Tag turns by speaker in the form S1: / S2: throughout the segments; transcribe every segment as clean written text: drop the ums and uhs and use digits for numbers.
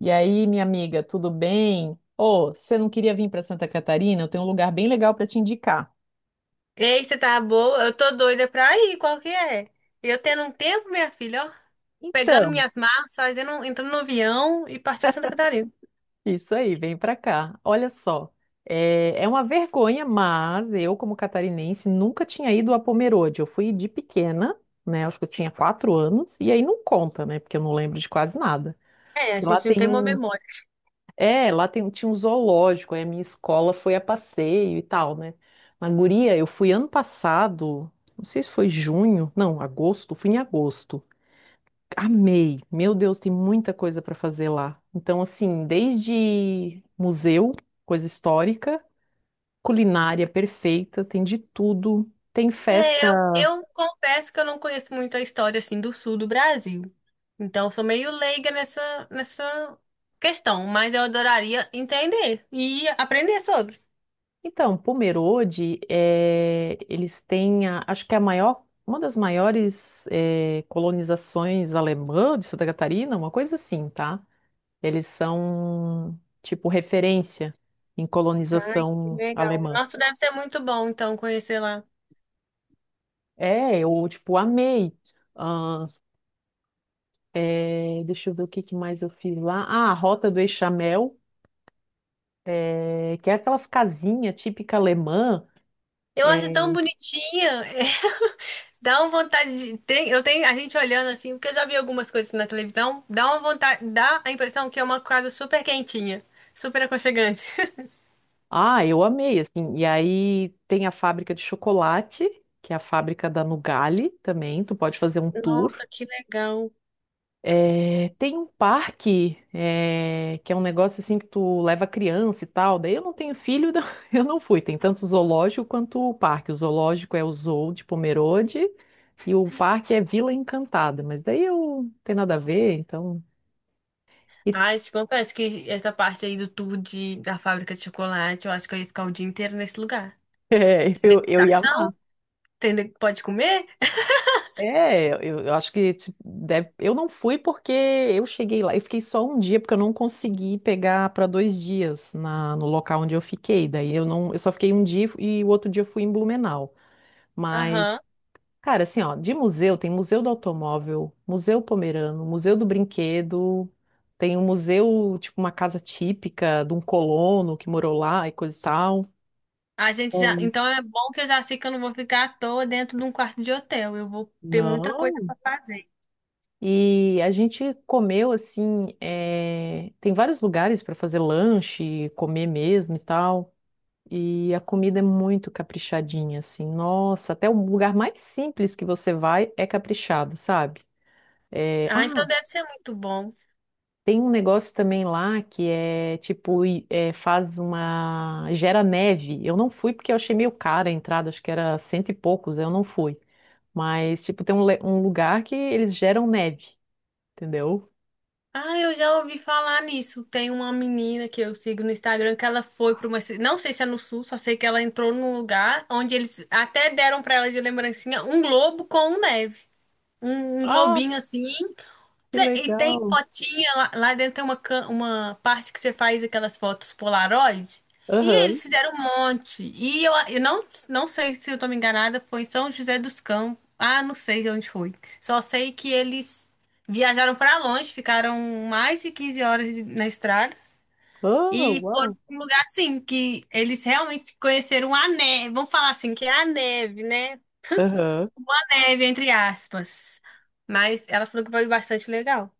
S1: E aí, minha amiga, tudo bem? Ô, você não queria vir para Santa Catarina? Eu tenho um lugar bem legal para te indicar.
S2: Ei, você tá boa? Eu tô doida pra ir, qual que é? Eu tendo um tempo, minha filha, ó, pegando
S1: Então,
S2: minhas malas, fazendo, entrando no avião e partindo Santa Catarina.
S1: isso aí, vem para cá. Olha só, é uma vergonha, mas eu, como catarinense, nunca tinha ido a Pomerode. Eu fui de pequena, né? Acho que eu tinha 4 anos, e aí não conta, né? Porque eu não lembro de quase nada.
S2: É, a
S1: Porque lá
S2: gente não
S1: tem
S2: tem uma
S1: um,
S2: memória.
S1: É, Lá tem, tinha um zoológico, aí a minha escola foi a passeio e tal, né? Mas, guria, eu fui ano passado, não sei se foi junho, não, agosto, fui em agosto. Amei, meu Deus, tem muita coisa para fazer lá. Então, assim, desde museu, coisa histórica, culinária perfeita, tem de tudo. Tem festa.
S2: É, eu confesso que eu não conheço muito a história, assim, do sul do Brasil. Então, eu sou meio leiga nessa questão, mas eu adoraria entender e aprender sobre.
S1: Então, Pomerode, acho que é a maior, uma das maiores colonizações alemã de Santa Catarina, uma coisa assim, tá? Eles são, tipo, referência em colonização
S2: Legal.
S1: alemã.
S2: Nossa, deve ser muito bom, então, conhecer lá.
S1: É, eu, tipo, amei. Ah, Deixa eu ver o que que mais eu fiz lá. Ah, a Rota do Eixamel, que é aquelas casinhas típica alemã.
S2: Eu acho tão bonitinha. Dá uma vontade de. Tem- Eu tenho a gente olhando assim, porque eu já vi algumas coisas na televisão, dá uma vontade, dá a impressão que é uma casa super quentinha, super aconchegante.
S1: Ah, eu amei, assim. E aí tem a fábrica de chocolate, que é a fábrica da Nugali também. Tu pode fazer um tour.
S2: Nossa, que legal.
S1: É, tem um parque, é, que é um negócio assim que tu leva criança e tal. Daí eu não tenho filho, então eu não fui. Tem tanto o zoológico quanto o parque. O zoológico é o Zoo de Pomerode e o parque é Vila Encantada. Mas daí eu não tem nada a ver, então.
S2: Ai, te confesso que essa parte aí do da fábrica de chocolate, eu acho que eu ia ficar o dia inteiro nesse lugar.
S1: É,
S2: Tem
S1: eu ia amar.
S2: degustação, pode comer?
S1: É, eu acho que tipo, eu não fui porque eu cheguei lá, eu fiquei só um dia porque eu não consegui pegar para 2 dias na, no local onde eu fiquei. Daí eu não, eu só fiquei um dia e o outro dia eu fui em Blumenau.
S2: Aham.
S1: Mas, cara, assim, ó, de museu tem Museu do Automóvel, Museu Pomerano, Museu do Brinquedo, tem um museu, tipo uma casa típica de um colono que morou lá e coisa e tal.
S2: A gente já,
S1: Sim.
S2: então é bom que eu já sei que eu não vou ficar à toa dentro de um quarto de hotel. Eu vou ter muita coisa
S1: Não.
S2: pra fazer.
S1: E a gente comeu assim, tem vários lugares para fazer lanche, comer mesmo e tal. E a comida é muito caprichadinha, assim. Nossa, até o lugar mais simples que você vai é caprichado, sabe? Eh,
S2: Ah,
S1: ah,
S2: então deve ser muito bom.
S1: Tem um negócio também lá que é tipo, faz uma. Gera neve. Eu não fui porque eu achei meio cara a entrada, acho que era cento e poucos, eu não fui. Mas, tipo, tem um um lugar que eles geram neve, entendeu?
S2: Ah, eu já ouvi falar nisso. Tem uma menina que eu sigo no Instagram que ela foi não sei se é no Sul, só sei que ela entrou num lugar onde eles até deram para ela de lembrancinha um globo com neve. Um globinho assim.
S1: Que
S2: E tem
S1: legal.
S2: fotinha lá, lá dentro tem uma parte que você faz aquelas fotos Polaroid. E
S1: Aham.
S2: eles fizeram um monte. E eu não, não sei se eu tô me enganada, foi em São José dos Campos. Ah, não sei de onde foi. Só sei que eles viajaram pra longe, ficaram mais de 15 horas na estrada.
S1: Oh,
S2: E foram
S1: uau.
S2: pra um lugar assim, que eles realmente conheceram a neve. Vamos falar assim, que é a neve, né?
S1: Aham.
S2: A neve, entre aspas. Mas ela falou que foi bastante legal.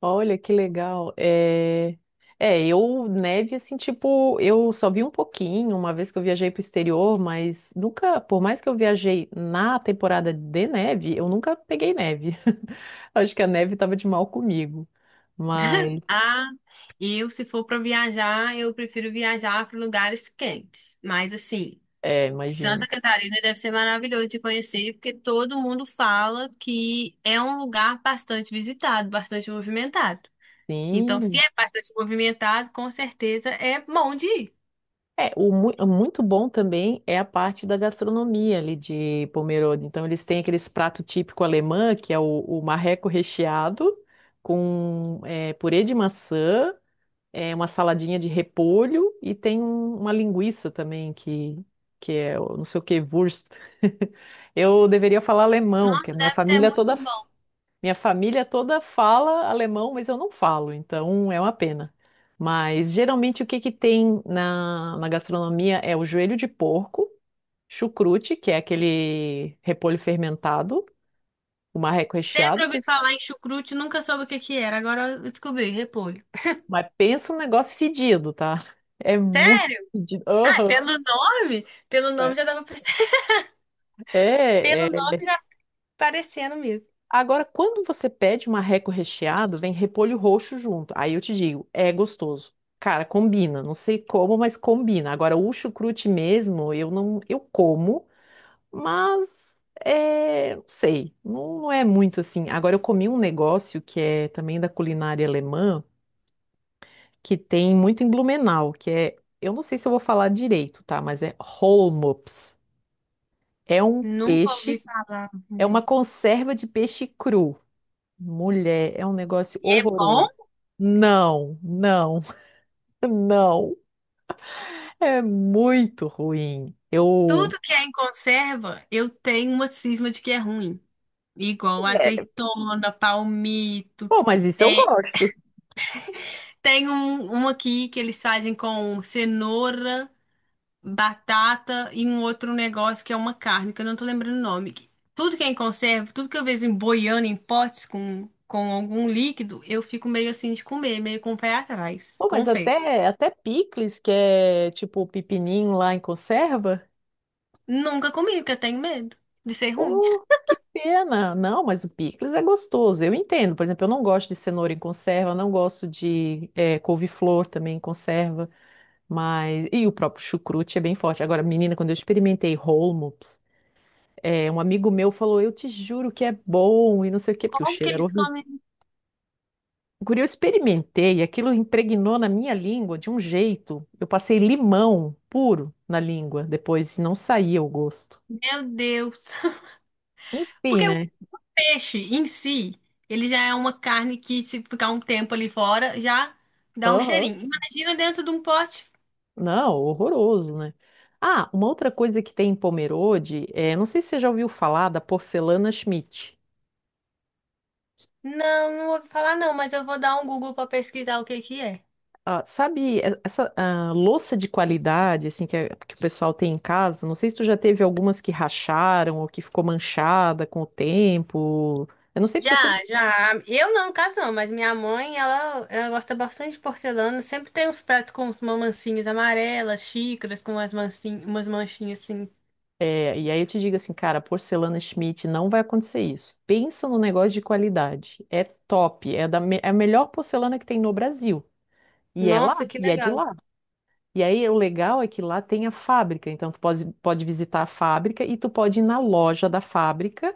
S1: Olha, que legal. É, eu, neve, assim, tipo, eu só vi um pouquinho uma vez que eu viajei pro exterior, mas nunca, por mais que eu viajei na temporada de neve, eu nunca peguei neve. Acho que a neve tava de mal comigo. Mas,
S2: Ah, eu, se for para viajar, eu prefiro viajar para lugares quentes. Mas, assim,
S1: é,
S2: Santa
S1: imagino.
S2: Catarina deve ser maravilhoso de conhecer, porque todo mundo fala que é um lugar bastante visitado, bastante movimentado. Então, se
S1: Sim.
S2: é bastante movimentado, com certeza é bom de ir.
S1: É, o o muito bom também é a parte da gastronomia ali de Pomerode. Então, eles têm aqueles prato típico alemã, que é o marreco recheado, com é, purê de maçã, é, uma saladinha de repolho e tem uma linguiça também, que é o não sei o que, Wurst. Eu deveria falar alemão, que a
S2: Nossa,
S1: minha
S2: deve ser
S1: família é toda
S2: muito bom.
S1: minha família toda fala alemão, mas eu não falo, então é uma pena. Mas geralmente o que que tem na gastronomia é o joelho de porco, chucrute, que é aquele repolho fermentado, o marreco
S2: Sempre
S1: recheado,
S2: ouvi falar em chucrute, nunca soube o que que era. Agora eu descobri, repolho.
S1: mas pensa no negócio fedido, tá? É muito
S2: Sério?
S1: fedido.
S2: Ah, pelo
S1: Aham.
S2: nome? Pelo nome já dava pra
S1: É,
S2: pelo
S1: é.
S2: nome já parecendo mesmo.
S1: Agora, quando você pede um marreco recheado, vem repolho roxo junto. Aí eu te digo, é gostoso. Cara, combina. Não sei como, mas combina. Agora, o chucrute mesmo, eu não, eu como, mas é, não sei, não, não é muito assim. Agora, eu comi um negócio que é também da culinária alemã, que tem muito em Blumenau, que é, eu não sei se eu vou falar direito, tá? Mas é Holmops. É um
S2: Nunca ouvi
S1: peixe,
S2: falar,
S1: é uma
S2: né?
S1: conserva de peixe cru. Mulher, é um negócio
S2: E é bom?
S1: horroroso. Não, não, não. É muito ruim. Eu.
S2: Tudo que é em conserva, eu tenho uma cisma de que é ruim. Igual
S1: É,
S2: azeitona, palmito.
S1: pô, mas isso eu
S2: É,
S1: gosto.
S2: tem um aqui que eles fazem com cenoura, batata e um outro negócio que é uma carne, que eu não tô lembrando o nome. Tudo que é em conserva, tudo que eu vejo em boiando em potes com algum líquido, eu fico meio assim de comer, meio com o pé atrás.
S1: Pô, mas
S2: Confesso.
S1: até, até picles, que é tipo o pepininho lá em conserva.
S2: Nunca comi, porque eu tenho medo de ser ruim.
S1: Pô, que pena. Não, mas o picles é gostoso. Eu entendo. Por exemplo, eu não gosto de cenoura em conserva, não gosto de é, couve-flor também em conserva. Mas. E o próprio chucrute é bem forte. Agora, menina, quando eu experimentei holmo. É, um amigo meu falou, eu te juro que é bom e não sei o quê, porque o
S2: Como que
S1: cheiro era
S2: eles
S1: horrível.
S2: comem?
S1: Guri, eu experimentei, aquilo impregnou na minha língua de um jeito. Eu passei limão puro na língua depois, e não saía o gosto.
S2: Meu Deus.
S1: Enfim,
S2: Porque o
S1: né?
S2: peixe em si, ele já é uma carne que, se ficar um tempo ali fora, já dá um
S1: Aham.
S2: cheirinho. Imagina dentro de um pote.
S1: Não, horroroso, né? Ah, uma outra coisa que tem em Pomerode, é, não sei se você já ouviu falar da porcelana Schmidt.
S2: Não, não vou falar não, mas eu vou dar um Google para pesquisar o que que é.
S1: Ah, sabe, essa louça de qualidade, assim, que o pessoal tem em casa, não sei se tu já teve algumas que racharam ou que ficou manchada com o tempo. Eu não sei porque
S2: Já,
S1: eu sempre.
S2: já. Eu não, no caso não, mas minha mãe, ela gosta bastante de porcelana. Sempre tem uns pratos com umas mancinhas amarelas, xícaras com mancinhas, umas manchinhas assim.
S1: É, e aí eu te digo assim, cara, porcelana Schmidt não vai acontecer isso. Pensa no negócio de qualidade. É top, é a melhor porcelana que tem no Brasil. E é lá,
S2: Nossa, que
S1: e é de
S2: legal.
S1: lá. E aí, o legal é que lá tem a fábrica, então tu pode, pode visitar a fábrica e tu pode ir na loja da fábrica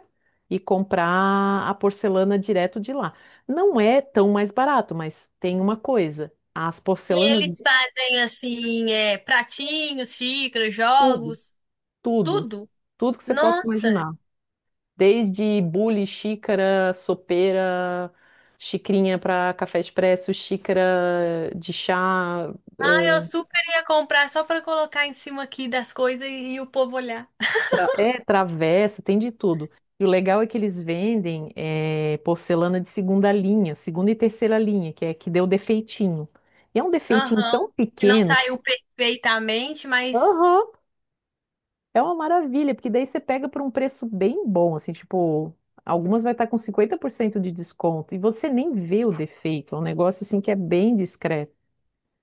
S1: e comprar a porcelana direto de lá. Não é tão mais barato, mas tem uma coisa, as
S2: E
S1: porcelanas,
S2: eles fazem assim, é, pratinhos, xícaras,
S1: tudo,
S2: jogos,
S1: tudo,
S2: tudo.
S1: tudo que você possa
S2: Nossa,
S1: imaginar, desde bule, xícara, sopeira, xicrinha para café expresso, xícara de chá,
S2: ah, eu
S1: eh,
S2: super ia comprar só pra colocar em cima aqui das coisas e o povo olhar.
S1: Travessa, tem de tudo. E o legal é que eles vendem porcelana de segunda linha, segunda e terceira linha, que é que deu defeitinho. E é um defeitinho tão
S2: Aham, que não
S1: pequeno que
S2: saiu
S1: se-
S2: perfeitamente, mas
S1: aham, é uma maravilha, porque daí você pega por um preço bem bom, assim, tipo, algumas vai estar com 50% de desconto e você nem vê o defeito. É um negócio assim que é bem discreto.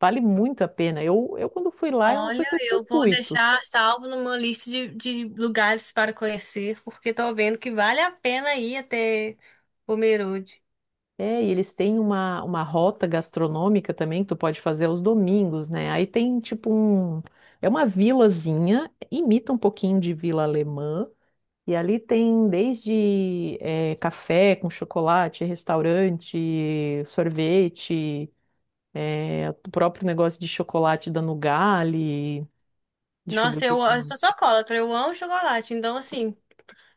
S1: Vale muito a pena. Eu quando fui lá, eu não fui
S2: olha,
S1: com esse
S2: eu vou
S1: intuito.
S2: deixar salvo numa lista de lugares para conhecer, porque tô vendo que vale a pena ir até Pomerode.
S1: É, e eles têm uma rota gastronômica também que tu pode fazer aos domingos, né? Aí tem tipo um. É uma vilazinha, imita um pouquinho de vila alemã. E ali tem desde café com chocolate, restaurante, sorvete, eh, o próprio negócio de chocolate da Nugali. Deixa eu ver o
S2: Nossa,
S1: que
S2: eu,
S1: que
S2: eu
S1: mais.
S2: sou chocolatra, eu amo chocolate, então assim.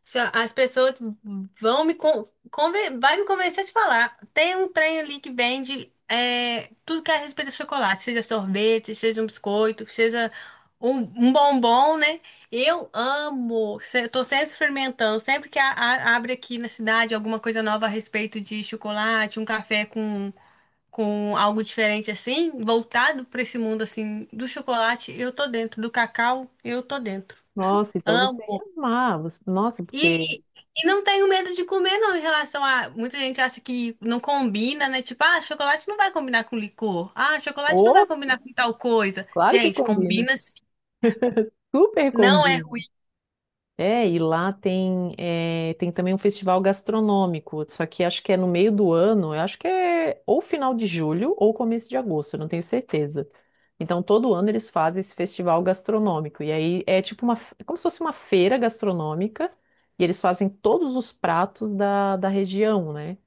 S2: Se a- As pessoas vão me con conven- vai me convencer a te falar. Tem um trem ali que vende é, tudo que é a respeito de chocolate, seja sorvete, seja um biscoito, seja um, um bombom, né? Eu amo. Eu tô sempre experimentando. Sempre que abre aqui na cidade alguma coisa nova a respeito de chocolate, um café com algo diferente assim, voltado para esse mundo assim do chocolate, eu tô dentro. Do cacau, eu tô dentro.
S1: Nossa, então você
S2: Amo.
S1: ia amar. Nossa,
S2: E,
S1: porque.
S2: e e não tenho medo de comer, não, em relação a. Muita gente acha que não combina, né? Tipo, ah, chocolate não vai combinar com licor. Ah, chocolate não
S1: Oh,
S2: vai combinar com tal coisa.
S1: claro que
S2: Gente,
S1: combina.
S2: combina sim.
S1: Super
S2: Não é
S1: combina.
S2: ruim.
S1: É, e lá tem, é, tem também um festival gastronômico, só que acho que é no meio do ano, eu acho que é ou final de julho ou começo de agosto, eu não tenho certeza. Então, todo ano eles fazem esse festival gastronômico, e aí é tipo uma, é como se fosse uma feira gastronômica, e eles fazem todos os pratos da região, né?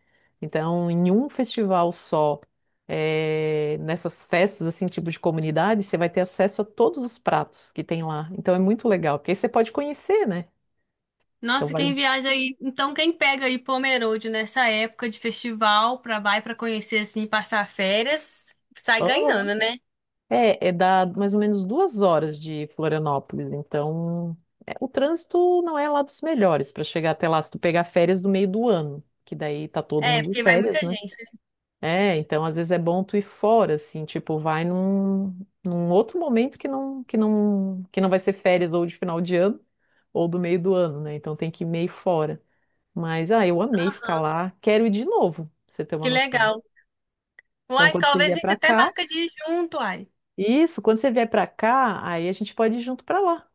S1: Então, em um festival só, é, nessas festas, assim, tipo de comunidade, você vai ter acesso a todos os pratos que tem lá. Então, é muito legal, porque aí você pode conhecer, né? Então
S2: Nossa, quem
S1: vale.
S2: viaja aí. Então, quem pega aí Pomerode nessa época de festival pra vai pra conhecer assim, passar férias, sai
S1: Aham.
S2: ganhando, né?
S1: É, é dá mais ou menos 2 horas de Florianópolis. Então, é, o trânsito não é lá dos melhores para chegar até lá, se tu pegar férias do meio do ano, que daí tá todo
S2: É,
S1: mundo de
S2: porque vai muita
S1: férias, né?
S2: gente, né?
S1: É, então às vezes é bom tu ir fora, assim, tipo, num outro momento que não vai ser férias ou de final de ano ou do meio do ano, né? Então tem que ir meio fora. Mas, ah, eu amei ficar lá, quero ir de novo, pra você ter uma
S2: Que
S1: noção.
S2: legal.
S1: Então,
S2: Uai,
S1: quando você
S2: talvez a
S1: vier
S2: gente
S1: pra
S2: até
S1: cá,
S2: marca de ir junto, uai.
S1: Isso, quando você vier pra cá, aí a gente pode ir junto pra lá.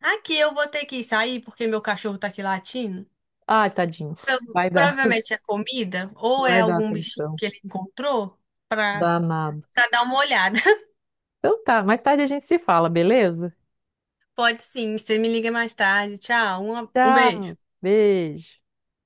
S2: Aqui eu vou ter que sair porque meu cachorro tá aqui latindo.
S1: Ai, tadinho.
S2: Então,
S1: Vai dar,
S2: provavelmente é comida ou é
S1: vai dar
S2: algum bichinho
S1: atenção.
S2: que ele encontrou para
S1: Danado.
S2: para dar uma olhada.
S1: Então tá, mais tarde a gente se fala, beleza?
S2: Pode sim, você me liga mais tarde. Tchau, um beijo.
S1: Tchau, beijo.